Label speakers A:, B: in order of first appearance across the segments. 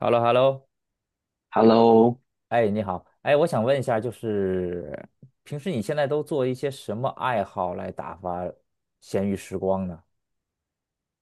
A: hello hello。
B: Hello，
A: 哎，你好，哎，我想问一下，就是平时你现在都做一些什么爱好来打发闲余时光呢？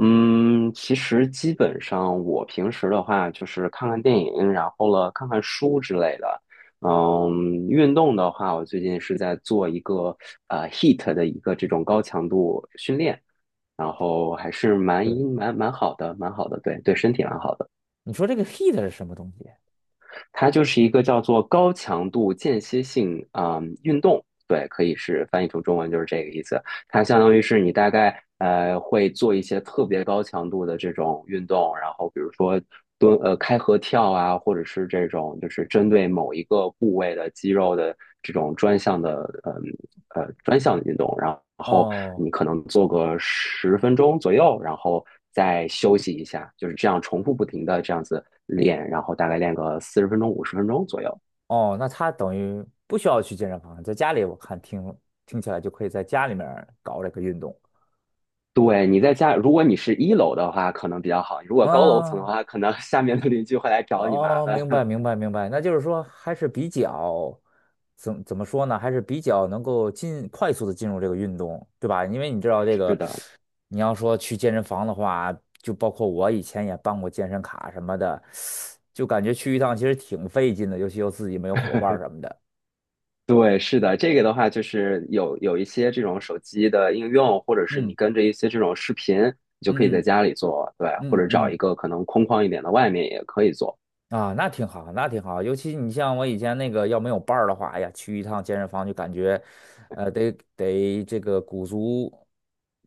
B: 嗯，其实基本上我平时的话就是看看电影，然后了看看书之类的。运动的话，我最近是在做一个h e a t 的一个这种高强度训练，然后还是蛮
A: 对，
B: 蛮蛮好的，蛮好的，对对，身体蛮好的。
A: 你说这个 heat 是什么东西？
B: 它就是一个叫做高强度间歇性啊、运动，对，可以是翻译成中文就是这个意思。它相当于是你大概会做一些特别高强度的这种运动，然后比如说蹲开合跳啊，或者是这种就是针对某一个部位的肌肉的这种专项的运动，然后
A: 哦
B: 你可能做个十分钟左右，然后再休息一下，就是这样重复不停的这样子练，然后大概练个40分钟50分钟左右。
A: 哦，那它等于不需要去健身房，在家里我看听起来就可以在家里面儿搞这个运动。
B: 对，你在家，如果你是一楼的话，可能比较好；如果高楼层的
A: 嗯，
B: 话，可能 下面的邻居会来找你麻
A: 哦，
B: 烦。
A: 明白明白明白，那就是说还是比较怎么说呢？还是比较能够快速的进入这个运动，对吧？因为你知道这
B: 是
A: 个，
B: 的，
A: 你要说去健身房的话，就包括我以前也办过健身卡什么的，就感觉去一趟其实挺费劲的，尤其又自己没有伙伴儿什么的。
B: 对，是的，这个的话就是有一些这种手机的应用，或者是你
A: 嗯
B: 跟着一些这种视频，你就可以在
A: 嗯
B: 家里做，对，或
A: 嗯嗯
B: 者找一
A: 嗯，
B: 个可能空旷一点的外面也可以做。
A: 啊，那挺好，那挺好。尤其你像我以前那个，要没有伴儿的话，哎呀，去一趟健身房就感觉，得这个鼓足，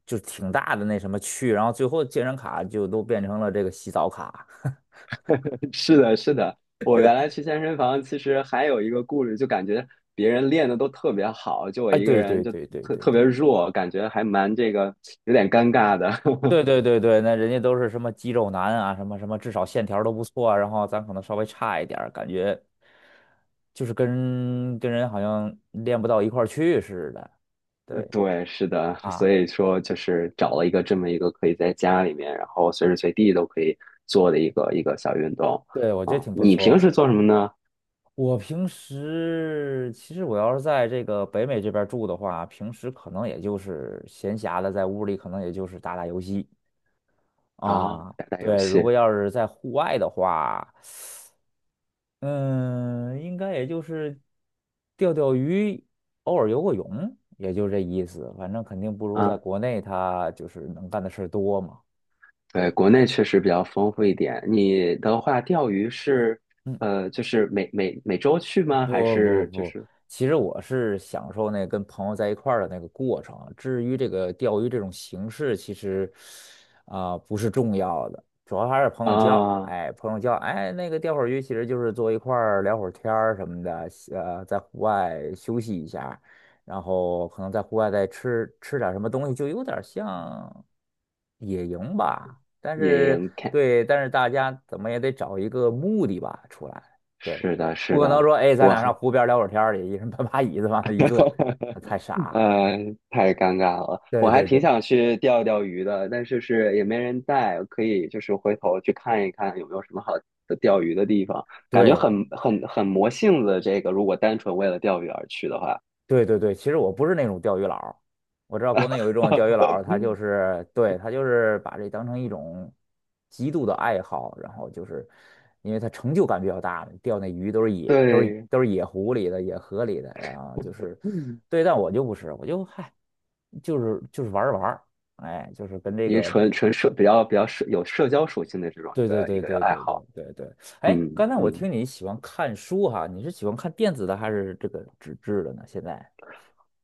A: 就挺大的那什么去，然后最后健身卡就都变成了这个洗澡卡。
B: 是的，是的，我原来去健身房，其实还有一个顾虑，就感觉别人练的都特别好，就我
A: 哎，
B: 一个
A: 对
B: 人
A: 对
B: 就
A: 对对
B: 特
A: 对
B: 特别
A: 对
B: 弱，感觉还蛮这个有点尴尬的。
A: 对 对对对，那人家都是什么肌肉男啊，什么什么，至少线条都不错啊，然后咱可能稍微差一点儿感觉就是跟人好像练不到一块儿去似的。对
B: 对，是的，所
A: 啊，
B: 以说就是找了一个这么一个可以在家里面，然后随时随地都可以做的一个小运动。
A: 对，我觉得
B: 啊、
A: 挺不
B: 你平
A: 错。
B: 时做什么呢？
A: 我平时其实我要是在这个北美这边儿住的话，平时可能也就是闲暇的在屋里，可能也就是打打游戏
B: 啊，
A: 啊。
B: 打打游
A: 对，如
B: 戏
A: 果要是在户外的话，嗯，应该也就是钓钓鱼，偶尔游个泳，也就这意思。反正肯定不如在
B: 啊，
A: 国内，他就是能干的事儿多嘛。
B: 对，
A: 对，
B: 国内确实比较丰富一点。你的话，钓鱼是
A: 嗯。
B: 就是每周去吗？还
A: 不不
B: 是就
A: 不，
B: 是
A: 其实我是享受那跟朋友在一块儿的那个过程。至于这个钓鱼这种形式，其实啊、不是重要的，主要还是朋友叫。
B: 啊，
A: 哎，朋友叫，哎，那个钓会儿鱼，其实就是坐一块儿聊会儿天儿什么的，在户外休息一下，然后可能在户外再吃吃点儿什么东西，就有点儿像野营吧。但
B: 野
A: 是
B: 营 c
A: 对，但是大家怎么也得找一个目的吧出来。对。
B: 是的，
A: 不
B: 是
A: 可能
B: 的，
A: 说，哎，咱
B: 我
A: 俩上
B: 还
A: 湖边聊会儿天儿去，一人搬把椅子往那一坐，那太 傻。
B: 呃，太尴尬了，我
A: 对
B: 还
A: 对
B: 挺
A: 对
B: 想去钓钓鱼的，但是也没人带，可以就是回头去看一看有没有什么好的钓鱼的地方，感觉
A: 对
B: 很魔性子。这个如果单纯为了钓鱼而去的话，
A: 对对对，其实我不是那种钓鱼佬儿，我知道国内有一种钓鱼佬儿，他就 是对他就是把这当成一种极度的爱好，然后就是因为他成就感比较大嘛，钓那鱼都是野，都是
B: 对，
A: 都是野湖里的野河里的，然后就是
B: 嗯，
A: 对，但我就不是，我就嗨，就是玩儿玩儿，哎，就是跟这
B: 一个
A: 个。
B: 纯纯社比较社有社交属性的这种一
A: 对对
B: 个一
A: 对
B: 个
A: 对
B: 爱
A: 对对
B: 好，
A: 对对，哎，
B: 嗯
A: 刚才我
B: 嗯。
A: 听你喜欢看书哈，你是喜欢看电子的还是这个纸质的呢？现在？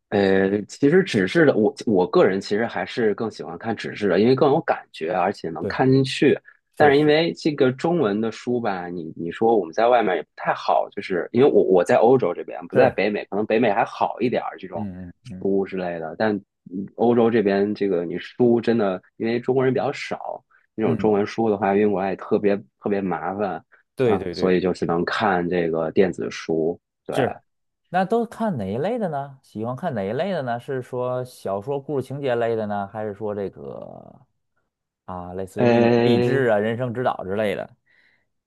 B: 其实纸质的，我个人其实还是更喜欢看纸质的，因为更有感觉，而且能
A: 对，
B: 看进去。但
A: 是
B: 是因
A: 是
B: 为这个中文的书吧，你说我们在外面也不太好，就是因为我在欧洲这边，不在
A: 是，
B: 北美，可能北美还好一点儿这种
A: 嗯嗯嗯
B: 书之类的，但欧洲这边这个你书真的，因为中国人比较少，那种
A: 嗯，
B: 中文书的话运过来也特别特别麻烦，
A: 对
B: 嗯，
A: 对对
B: 所以
A: 对，
B: 就只能看这个电子书，对。
A: 是。那都看哪一类的呢？喜欢看哪一类的呢？是说小说故事情节类的呢，还是说这个啊，类似于励励
B: 呃，
A: 志啊、人生指导之类的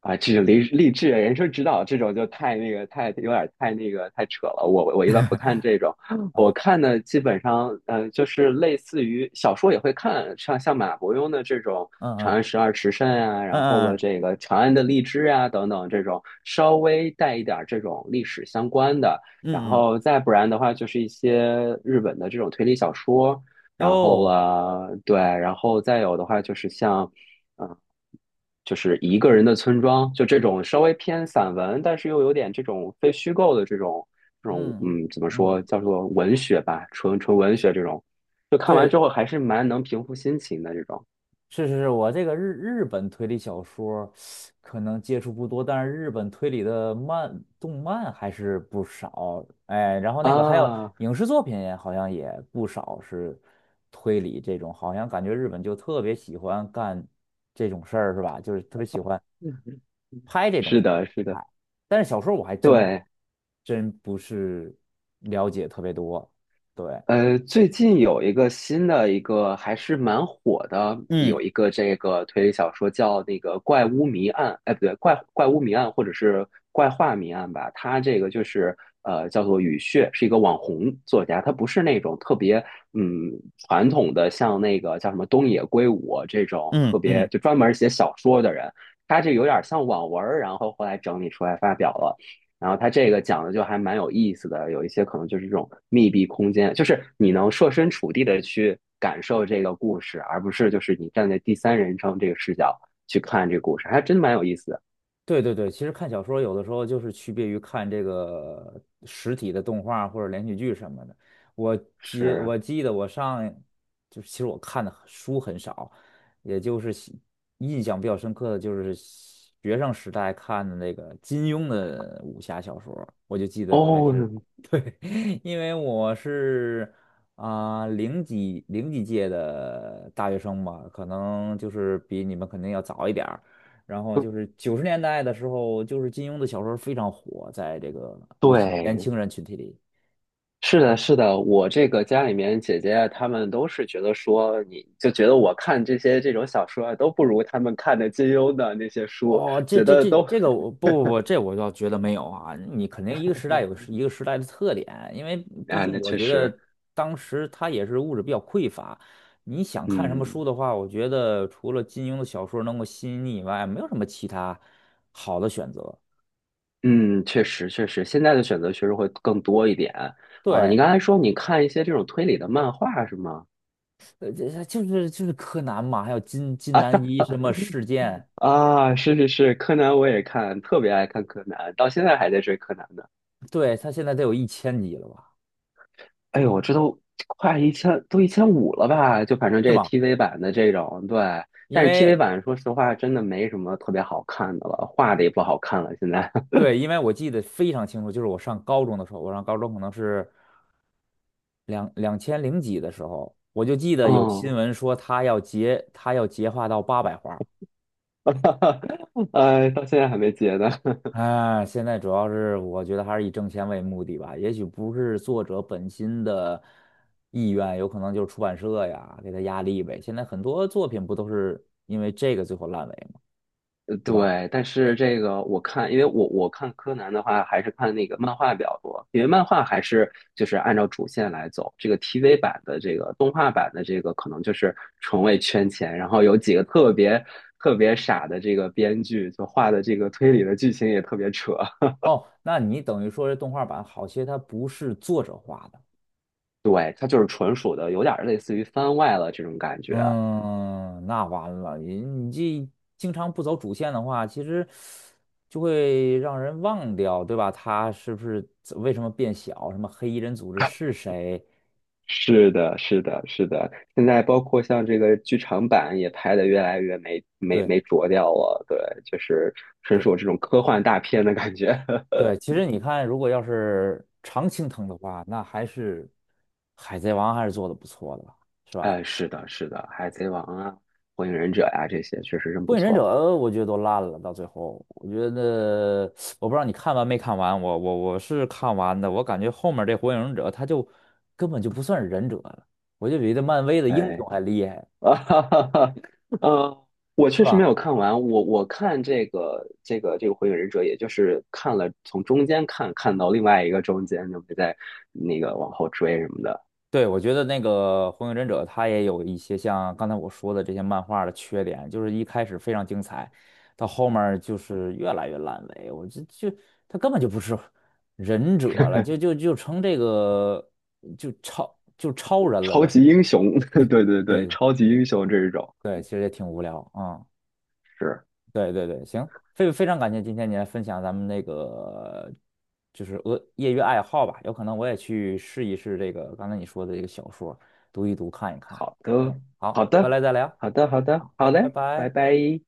B: 啊，这种励志人生指导这种就太那个太有点太那个太扯了。我一般不看这种，我
A: 啊？
B: 看的基本上就是类似于小说也会看，像马伯庸的这种
A: 嗯
B: 《长
A: 嗯
B: 安十二时辰》啊，
A: 嗯
B: 然后了
A: 嗯
B: 这个《长安的荔枝》啊等等这种稍微带一点儿这种历史相关的，然
A: 嗯嗯
B: 后再不然的话就是一些日本的这种推理小说，
A: 嗯，
B: 然后
A: 哦，
B: 了对，然后再有的话就是像。呃就是一个人的村庄，就这种稍微偏散文，但是又有点这种非虚构的这种这种
A: 嗯
B: 嗯，怎么
A: 嗯，
B: 说叫做文学吧，纯纯文学这种，就看完之
A: 对，
B: 后还是蛮能平复心情的这种
A: 是是是，我这个日本推理小说可能接触不多，但是日本推理的动漫还是不少。哎，然后那个还有
B: 啊。
A: 影视作品，好像也不少是推理这种，好像感觉日本就特别喜欢干这种事儿，是吧？就是特别喜欢拍这
B: 是
A: 种
B: 的，
A: 题
B: 是的，
A: 材。但是小说我还真
B: 对。
A: 真不是了解特别多，对。
B: 最近有一个新的一个还是蛮火的，
A: 嗯
B: 有一个这个推理小说叫那个《怪屋谜案》，哎，不对，怪屋谜案或者是怪画谜案吧。它这个就是叫做雨穴，是一个网红作家，他不是那种特别嗯传统的像那个叫什么东野圭吾这种
A: 嗯
B: 特别
A: 嗯。
B: 就专门写小说的人，他这有点像网文儿，然后后来整理出来发表了。然后它这个讲的就还蛮有意思的，有一些可能就是这种密闭空间，就是你能设身处地的去感受这个故事，而不是就是你站在第三人称这个视角去看这个故事，还真蛮有意思的。
A: 对对对，其实看小说有的时候就是区别于看这个实体的动画或者连续剧什么的。我
B: 是
A: 我记得就是其实我看的书很少，也就是印象比较深刻的就是学生时代看的那个金庸的武侠小说，我就记得还
B: 哦，
A: 是 对，因为我是啊、零几届的大学生嘛，可能就是比你们肯定要早一点儿。然后就是90年代的时候，就是金庸的小说非常火，在这个尤其年
B: 对，
A: 轻人群体里。
B: 是的，是的，我这个家里面姐姐啊她们都是觉得说，你就觉得我看这些这种小说啊，都不如他们看的金庸的那些书，
A: 哦，这
B: 觉
A: 这
B: 得
A: 这
B: 都
A: 这个我不不不，这我倒觉得没有啊。你肯定一个时代有 一个时代的特点，因为毕
B: 啊，
A: 竟
B: 那
A: 我
B: 确
A: 觉
B: 实，
A: 得当时它也是物质比较匮乏。你想看什么
B: 嗯。
A: 书的话，我觉得除了金庸的小说能够吸引你以外，没有什么其他好的选择。
B: 嗯，确实确实，现在的选择确实会更多一点啊。
A: 对，
B: 你刚才说你看一些这种推理的漫画是吗？
A: 这就是柯南嘛，还有金南一什么事件，
B: 啊，是是是，柯南我也看，特别爱看柯南，到现在还在追柯南呢。
A: 对，他现在得有1000集了吧？
B: 哎呦，这都快一千，都1500了吧？就反正
A: 是
B: 这
A: 吗？
B: TV 版的这种，对。
A: 因
B: 但是
A: 为
B: TV 版说实话真的没什么特别好看的了，画的也不好看了，现在。
A: 对，因为我记得非常清楚，就是我上高中的时候，我上高中可能是两千零几的时候，我就记 得有新
B: 嗯，
A: 闻说他要结画到800画。
B: 到现在还没结呢。
A: 哎，现在主要是我觉得还是以挣钱为目的吧，也许不是作者本心的意愿，有可能就是出版社呀给他压力呗。现在很多作品不都是因为这个最后烂尾吗？
B: 呃
A: 对吧？
B: 对，但是这个我看，因为我看柯南的话，还是看那个漫画比较多，因为漫画还是就是按照主线来走。这个 TV 版的这个动画版的这个，可能就是纯为圈钱，然后有几个特别傻的这个编剧，就画的这个推理的剧情也特别扯。
A: 哦，那你等于说这动画版好些它不是作者画的。
B: 对，它就是纯属的，有点儿类似于番外了这种感觉。
A: 嗯，那完了，你这经常不走主线的话，其实就会让人忘掉，对吧？他是不是为什么变小？什么黑衣人组织是谁？
B: 是的，是的，是的。现在包括像这个剧场版也拍的越来越没没
A: 对
B: 没着调了，对，就是纯
A: 对
B: 属这种科幻大片的感觉。
A: 对，其实你看，如果要是常青藤的话，那还是海贼王还是做的不错的吧，是吧？
B: 哎，是的，是的，《海贼王》啊，《火影忍者》呀，这些确实真不
A: 《火影忍者》
B: 错。
A: 我觉得都烂了，到最后，我觉得我不知道你看完没看完，我是看完的，我感觉后面这《火影忍者》他就根本就不算是忍者了，我就比这漫威的英雄
B: 哎，
A: 还厉害，
B: 啊哈哈哈，呃，我
A: 是
B: 确实
A: 吧？
B: 没有看完，我看这个《火影忍者》，也就是看了从中间看看到另外一个中间，就没再那个往后追什么的。
A: 对，我觉得那个《火影忍者》他也有一些像刚才我说的这些漫画的缺点，就是一开始非常精彩，到后面儿就是越来越烂尾，我就他根本就不是忍者了，就成这个就超人了
B: 超
A: 都是。
B: 级英雄，对对对，
A: 对。
B: 超级英雄这一种
A: 对，其实也挺无聊啊、嗯。
B: 是
A: 对对对，行，非常感谢今天你来分享咱们那个就是业余爱好吧，有可能我也去试一试这个刚才你说的这个小说，读一读看一看。
B: 好的，
A: 嗯，
B: 好
A: 好，回
B: 的，
A: 来再聊。
B: 好的，好的，好
A: 好，拜
B: 嘞，拜
A: 拜。
B: 拜。